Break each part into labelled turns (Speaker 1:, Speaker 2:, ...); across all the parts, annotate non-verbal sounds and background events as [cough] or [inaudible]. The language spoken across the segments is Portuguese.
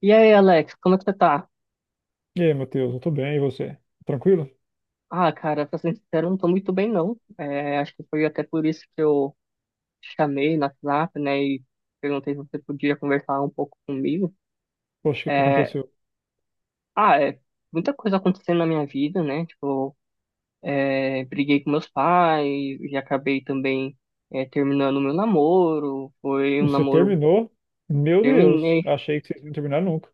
Speaker 1: E aí, Alex, como é que você tá?
Speaker 2: E aí, Matheus, eu tô bem, e você? Tranquilo?
Speaker 1: Ah, cara, pra ser sincero, eu não tô muito bem, não. É, acho que foi até por isso que eu te chamei no WhatsApp, né, e perguntei se você podia conversar um pouco comigo.
Speaker 2: Poxa, o que que
Speaker 1: É,
Speaker 2: aconteceu?
Speaker 1: ah, é Muita coisa acontecendo na minha vida, né, tipo, briguei com meus pais e acabei também terminando meu namoro. Foi um
Speaker 2: Você
Speaker 1: namoro,
Speaker 2: terminou? Meu Deus,
Speaker 1: terminei,
Speaker 2: achei que vocês não terminar nunca.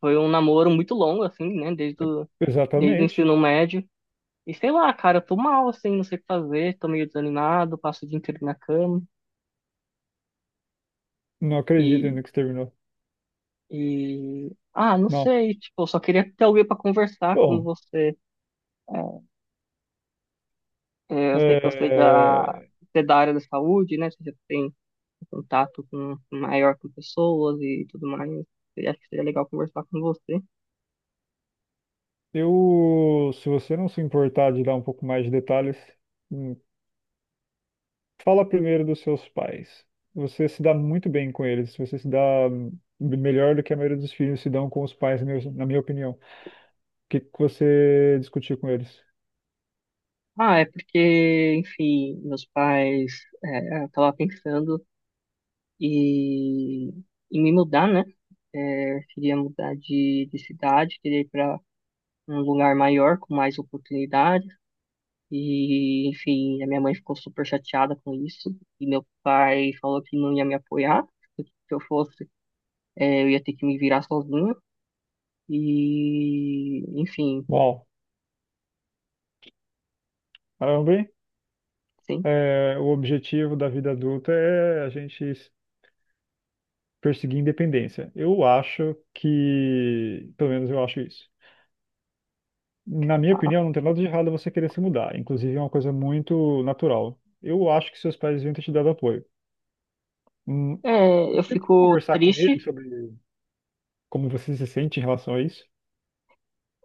Speaker 1: foi um namoro muito longo, assim, né, desde o
Speaker 2: Exatamente.
Speaker 1: ensino médio. E sei lá, cara, eu tô mal, assim, não sei o que fazer, tô meio desanimado, passo o dia inteiro na cama
Speaker 2: Não acredito
Speaker 1: e,
Speaker 2: ainda que você terminou.
Speaker 1: e. Ah, não
Speaker 2: Nossa.
Speaker 1: sei, tipo, eu só queria ter alguém pra conversar como
Speaker 2: Bom,
Speaker 1: você. É, eu sei que você já
Speaker 2: é,
Speaker 1: você é da área da saúde, né? Você já tem contato maior com pessoas e tudo mais. Eu acho que seria legal conversar com você.
Speaker 2: eu, se você não se importar de dar um pouco mais de detalhes, hum, fala primeiro dos seus pais. Você se dá muito bem com eles, você se dá, hum, melhor do que a maioria dos filhos se dão com os pais, na minha opinião. O que que você discutiu com eles?
Speaker 1: Ah, é porque, enfim, meus pais, eu tava pensando e, e me mudar, né? É, queria mudar de cidade, queria ir para um lugar maior, com mais oportunidades. E, enfim, a minha mãe ficou super chateada com isso. E meu pai falou que não ia me apoiar, que se eu fosse, eu ia ter que me virar sozinha. E, enfim,
Speaker 2: Uau, caramba, hein?
Speaker 1: sim.
Speaker 2: O objetivo da vida adulta é a gente perseguir independência. Eu acho que, pelo menos eu acho isso. Na minha
Speaker 1: Ah,
Speaker 2: opinião, não tem nada de errado você querer se mudar. Inclusive, é uma coisa muito natural. Eu acho que seus pais deviam ter te dado apoio. Hum, eu
Speaker 1: Eu
Speaker 2: tento
Speaker 1: fico
Speaker 2: conversar com eles
Speaker 1: triste.
Speaker 2: sobre como você se sente em relação a isso.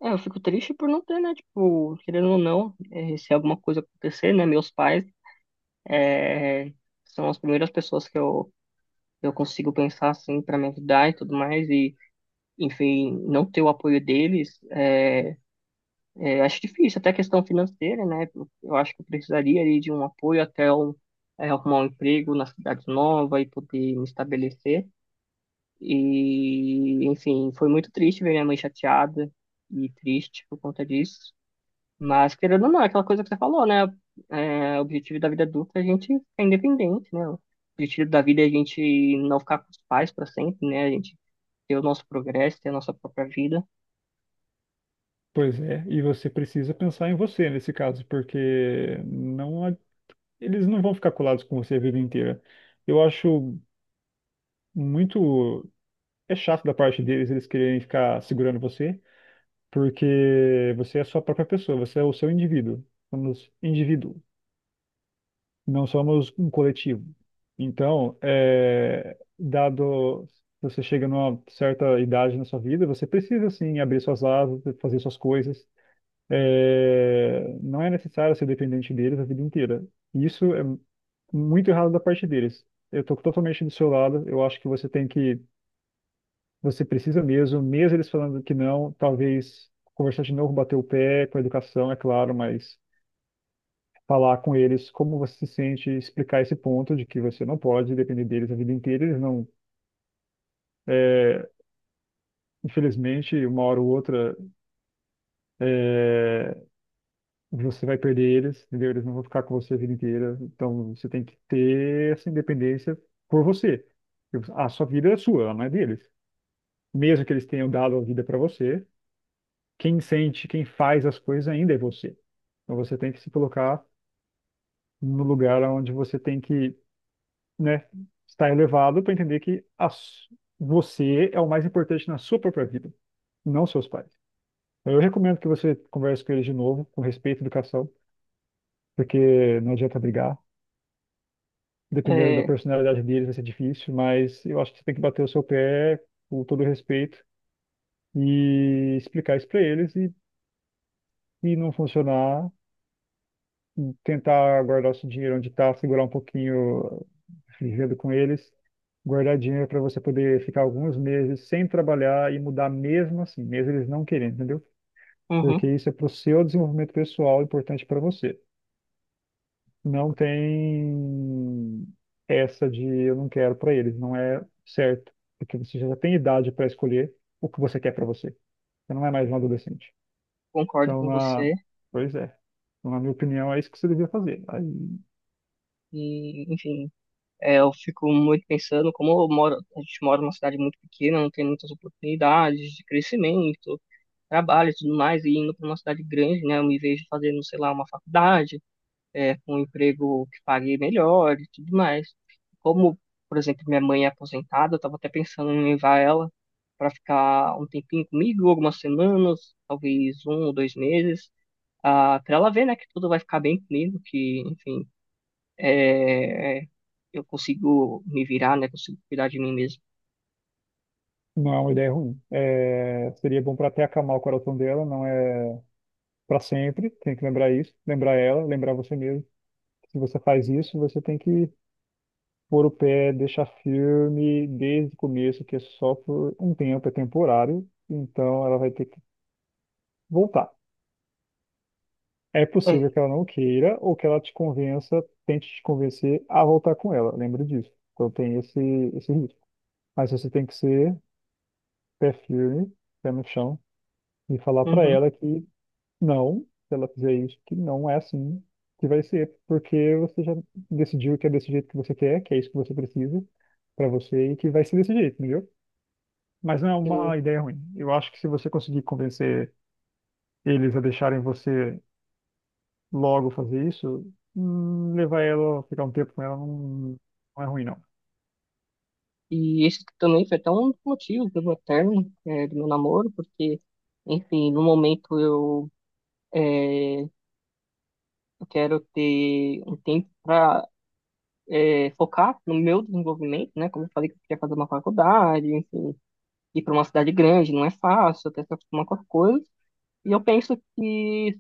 Speaker 1: Eu fico triste por não ter, né? Tipo, querendo ou não, se alguma coisa acontecer, né? Meus pais É, são as primeiras pessoas que eu consigo pensar assim para me ajudar e tudo mais, e enfim, não ter o apoio deles acho difícil, até questão financeira, né? Eu acho que eu precisaria ali de um apoio até eu arrumar um emprego na cidade nova e poder me estabelecer. E enfim, foi muito triste ver minha mãe chateada e triste por conta disso, mas, querendo ou não, é aquela coisa que você falou, né? O objetivo da vida adulta é a gente ficar independente, né? O objetivo da vida é a gente não ficar com os pais para sempre, né? A gente ter o nosso progresso, ter a nossa própria vida.
Speaker 2: Pois é, e você precisa pensar em você nesse caso, porque não, eles não vão ficar colados com você a vida inteira. Eu acho muito É chato da parte deles eles quererem ficar segurando você, porque você é a sua própria pessoa, você é o seu indivíduo. Somos indivíduo, não somos um coletivo. Então, dado você chega numa certa idade na sua vida, você precisa sim abrir suas asas, fazer suas coisas. É, não é necessário ser dependente deles a vida inteira. E isso é muito errado da parte deles. Eu estou totalmente do seu lado. Eu acho que você tem que Você precisa mesmo, mesmo eles falando que não, talvez conversar de novo, bater o pé com a educação, é claro, mas falar com eles como você se sente, explicar esse ponto de que você não pode depender deles a vida inteira, eles não, é, infelizmente, uma hora ou outra, é, você vai perder eles, entendeu? Eles não vão ficar com você a vida inteira, então você tem que ter essa independência por você. A sua vida é sua, ela não é deles. Mesmo que eles tenham dado a vida para você, quem sente, quem faz as coisas ainda é você. Então você tem que se colocar no lugar onde você tem que, né, estar elevado para entender que você é o mais importante na sua própria vida, não seus pais. Então, eu recomendo que você converse com eles de novo, com respeito e educação, porque não adianta brigar. Dependendo da
Speaker 1: É,
Speaker 2: personalidade deles vai ser difícil, mas eu acho que você tem que bater o seu pé com todo respeito e explicar isso para eles e não funcionar, tentar guardar o seu dinheiro onde está, segurar um pouquinho vivendo com eles, guardar dinheiro para você poder ficar alguns meses sem trabalhar e mudar mesmo assim, mesmo eles não querendo, entendeu? Porque
Speaker 1: uhum,
Speaker 2: isso é para o seu desenvolvimento pessoal, importante para você. Não tem essa de eu não quero para eles, não é certo, porque você já tem idade para escolher o que você quer para você. Você não é mais um adolescente.
Speaker 1: concordo
Speaker 2: Então,
Speaker 1: com
Speaker 2: na...
Speaker 1: você.
Speaker 2: pois é. Então, na minha opinião, é isso que você devia fazer. Aí
Speaker 1: E, enfim, eu fico muito pensando, como eu moro, a gente mora numa cidade muito pequena, não tem muitas oportunidades de crescimento, trabalho e tudo mais, e indo para uma cidade grande, né? Eu me vejo fazendo, sei lá, uma faculdade com um emprego que pague melhor e tudo mais. Como, por exemplo, minha mãe é aposentada, eu estava até pensando em levar ela para ficar um tempinho comigo, algumas semanas, talvez um ou dois meses, para ela ver, né, que tudo vai ficar bem comigo, que, enfim, é, eu consigo me virar, né, consigo cuidar de mim mesmo.
Speaker 2: não é uma ideia ruim. É, seria bom para até acalmar o coração dela, não é para sempre, tem que lembrar isso, lembrar ela, lembrar você mesmo. Se você faz isso, você tem que pôr o pé, deixar firme desde o começo, que é só por um tempo, é temporário, então ela vai ter que voltar. É
Speaker 1: É,
Speaker 2: possível que ela não queira ou que ela te convença, tente te convencer a voltar com ela, lembra disso. Então tem esse risco. Mas você tem que ser pé firme, pé no chão, e falar para
Speaker 1: uhum,
Speaker 2: ela que não, se ela fizer isso, que não é assim que vai ser, porque você já decidiu que é desse jeito que você quer, que é isso que você precisa pra você e que vai ser desse jeito, entendeu? Mas não é
Speaker 1: sim.
Speaker 2: uma ideia ruim. Eu acho que se você conseguir convencer eles a deixarem você logo fazer isso, levar ela, ficar um tempo com ela, não, não é ruim, não.
Speaker 1: E esse também foi até um motivo do meu término, do meu namoro, porque, enfim, no momento é, Eu quero ter um tempo para focar no meu desenvolvimento, né? Como eu falei que eu queria fazer uma faculdade, enfim, ir para uma cidade grande não é fácil, até se acostumar com as coisas. E eu penso que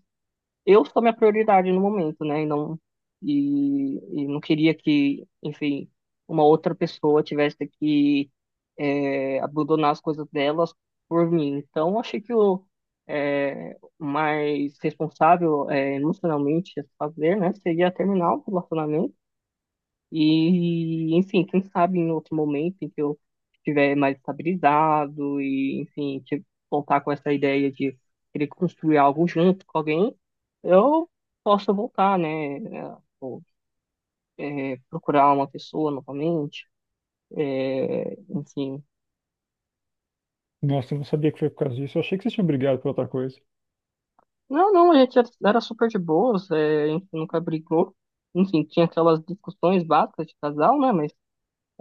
Speaker 1: eu sou minha prioridade no momento, né? E não queria que, enfim, uma outra pessoa tivesse que abandonar as coisas delas por mim. Então, eu achei que o mais responsável emocionalmente a se fazer, né, seria terminar o relacionamento. E, enfim, quem sabe em outro momento em que eu estiver mais estabilizado e, enfim, voltar com essa ideia de querer construir algo junto com alguém, eu posso voltar, né? Ou, procurar uma pessoa novamente, enfim.
Speaker 2: Nossa, eu não sabia que foi por causa disso. Eu achei que vocês tinham brigado por outra coisa.
Speaker 1: Não, não, a gente era super de boas, a gente nunca brigou. Enfim, tinha aquelas discussões básicas de casal, né? Mas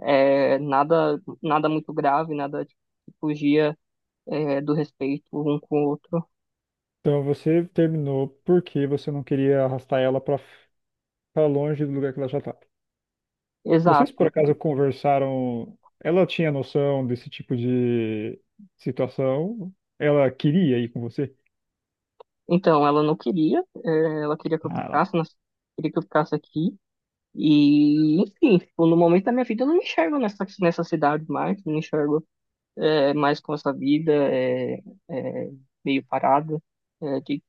Speaker 1: nada, nada muito grave, nada tipo, que fugia do respeito um com o outro.
Speaker 2: Então você terminou porque você não queria arrastar ela pra longe do lugar que ela já tá. Vocês por
Speaker 1: Exato.
Speaker 2: acaso conversaram? Ela tinha noção desse tipo de situação? Ela queria ir com você?
Speaker 1: Então, ela não queria, ela queria que eu
Speaker 2: Ah, ela-
Speaker 1: ficasse, queria que eu ficasse aqui. E, enfim, tipo, no momento da minha vida eu não me enxergo nessa cidade mais, não me enxergo mais com essa vida é, meio parada, é, de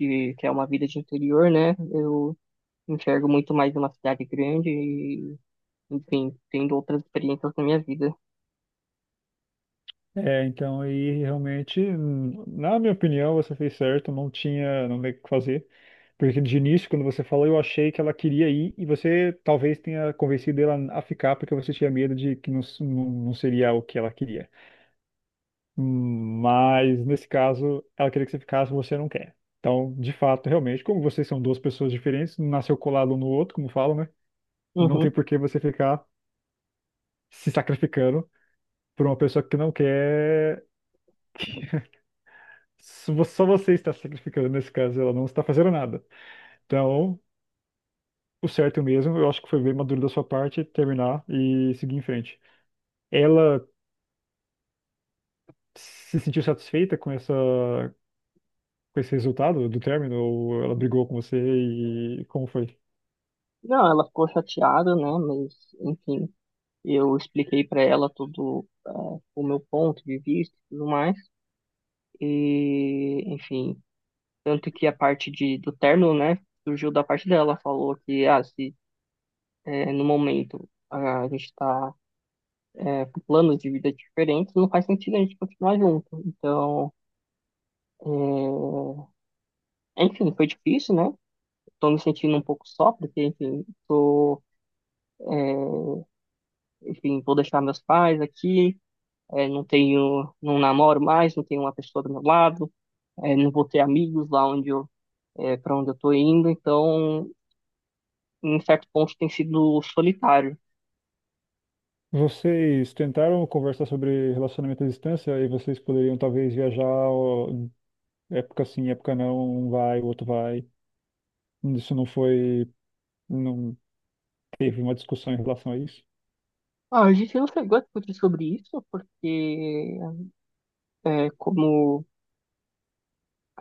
Speaker 1: que é uma vida de interior, né? Eu enxergo muito mais uma cidade grande e, enfim, tendo outras experiências na minha vida.
Speaker 2: É, então, e realmente, na minha opinião, você fez certo, não tinha, não tem o que fazer. Porque de início, quando você falou, eu achei que ela queria ir e você talvez tenha convencido ela a ficar porque você tinha medo de que não, não, não seria o que ela queria. Mas nesse caso, ela queria que você ficasse, você não quer. Então, de fato, realmente, como vocês são duas pessoas diferentes, um nasceu colado um no outro, como falam, né? Não tem
Speaker 1: Uhum.
Speaker 2: por que você ficar se sacrificando por uma pessoa que não quer. [laughs] Só só você está se sacrificando nesse caso, ela não está fazendo nada. Então, o certo mesmo, eu acho que foi bem maduro da sua parte terminar e seguir em frente. Ela se sentiu satisfeita com com esse resultado do término? Ou ela brigou com você e como foi?
Speaker 1: Não, ela ficou chateada, né? Mas, enfim, eu expliquei para ela todo o meu ponto de vista e tudo mais. E, enfim, tanto que a parte do término, né? Surgiu da parte dela, falou que, se no momento a gente está com planos de vida diferentes, não faz sentido a gente continuar junto. Então, é, enfim, foi difícil, né? Tô me sentindo um pouco só, porque, enfim, enfim, vou deixar meus pais aqui, não tenho, não namoro mais, não tenho uma pessoa do meu lado, não vou ter amigos lá onde eu, é, para onde eu tô indo, então, em certo ponto, tem sido solitário.
Speaker 2: Vocês tentaram conversar sobre relacionamento à distância e vocês poderiam talvez viajar, ó, época sim, época não, um vai, o outro vai. Isso não foi, não teve uma discussão em relação a isso?
Speaker 1: Ah, a gente não chegou a discutir sobre isso, porque, como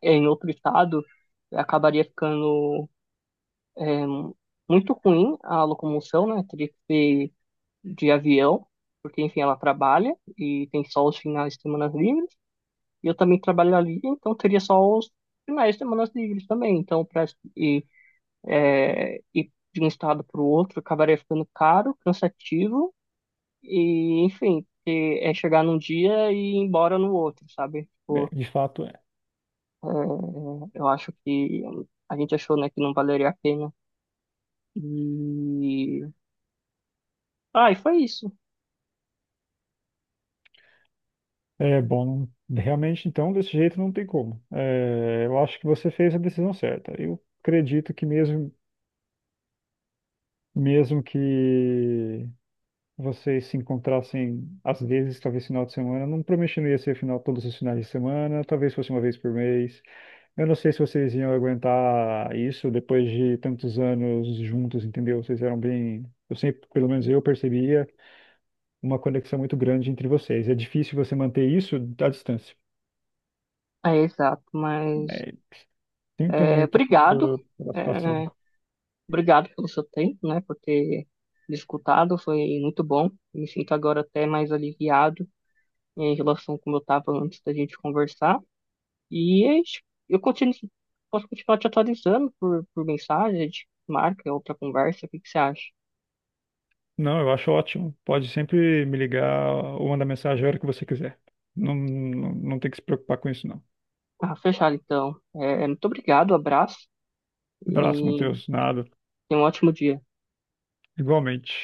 Speaker 1: é em outro estado, acabaria ficando, é, muito ruim a locomoção, né? Teria que ser de avião, porque, enfim, ela trabalha e tem só os finais de semana livres. E eu também trabalho ali, então teria só os finais de semana livres também. Então, ir, ir de um estado para o outro acabaria ficando caro, cansativo e, enfim, porque é chegar num dia e ir embora no outro, sabe?
Speaker 2: É,
Speaker 1: Tipo,
Speaker 2: de fato, é.
Speaker 1: é, eu acho que a gente achou, né, que não valeria a pena. E... Ah, e foi isso.
Speaker 2: É bom, realmente então desse jeito não tem como. É, eu acho que você fez a decisão certa. Eu acredito que mesmo que vocês se encontrassem às vezes, talvez final de semana, não prometo que não ia ser final todos os finais de semana, talvez fosse uma vez por mês. Eu não sei se vocês iam aguentar isso depois de tantos anos juntos, entendeu? Vocês eram bem. Eu sempre, pelo menos eu percebia uma conexão muito grande entre vocês. É difícil você manter isso à distância.
Speaker 1: É, exato, mas...
Speaker 2: É, sinto muito
Speaker 1: obrigado.
Speaker 2: pela situação.
Speaker 1: É, Obrigado pelo seu tempo, né, por ter me escutado, foi muito bom. Me sinto agora até mais aliviado em relação como eu estava antes da gente conversar. E é isso. eu continuo, Posso continuar te atualizando por mensagem, a gente marca outra conversa, o que que você acha?
Speaker 2: Não, eu acho ótimo. Pode sempre me ligar ou mandar mensagem a hora que você quiser. Não, não, não tem que se preocupar com isso, não.
Speaker 1: Ah, fechado então. Muito obrigado, abraço
Speaker 2: Abraço,
Speaker 1: e
Speaker 2: Matheus. Nada.
Speaker 1: tenha um ótimo dia.
Speaker 2: Igualmente.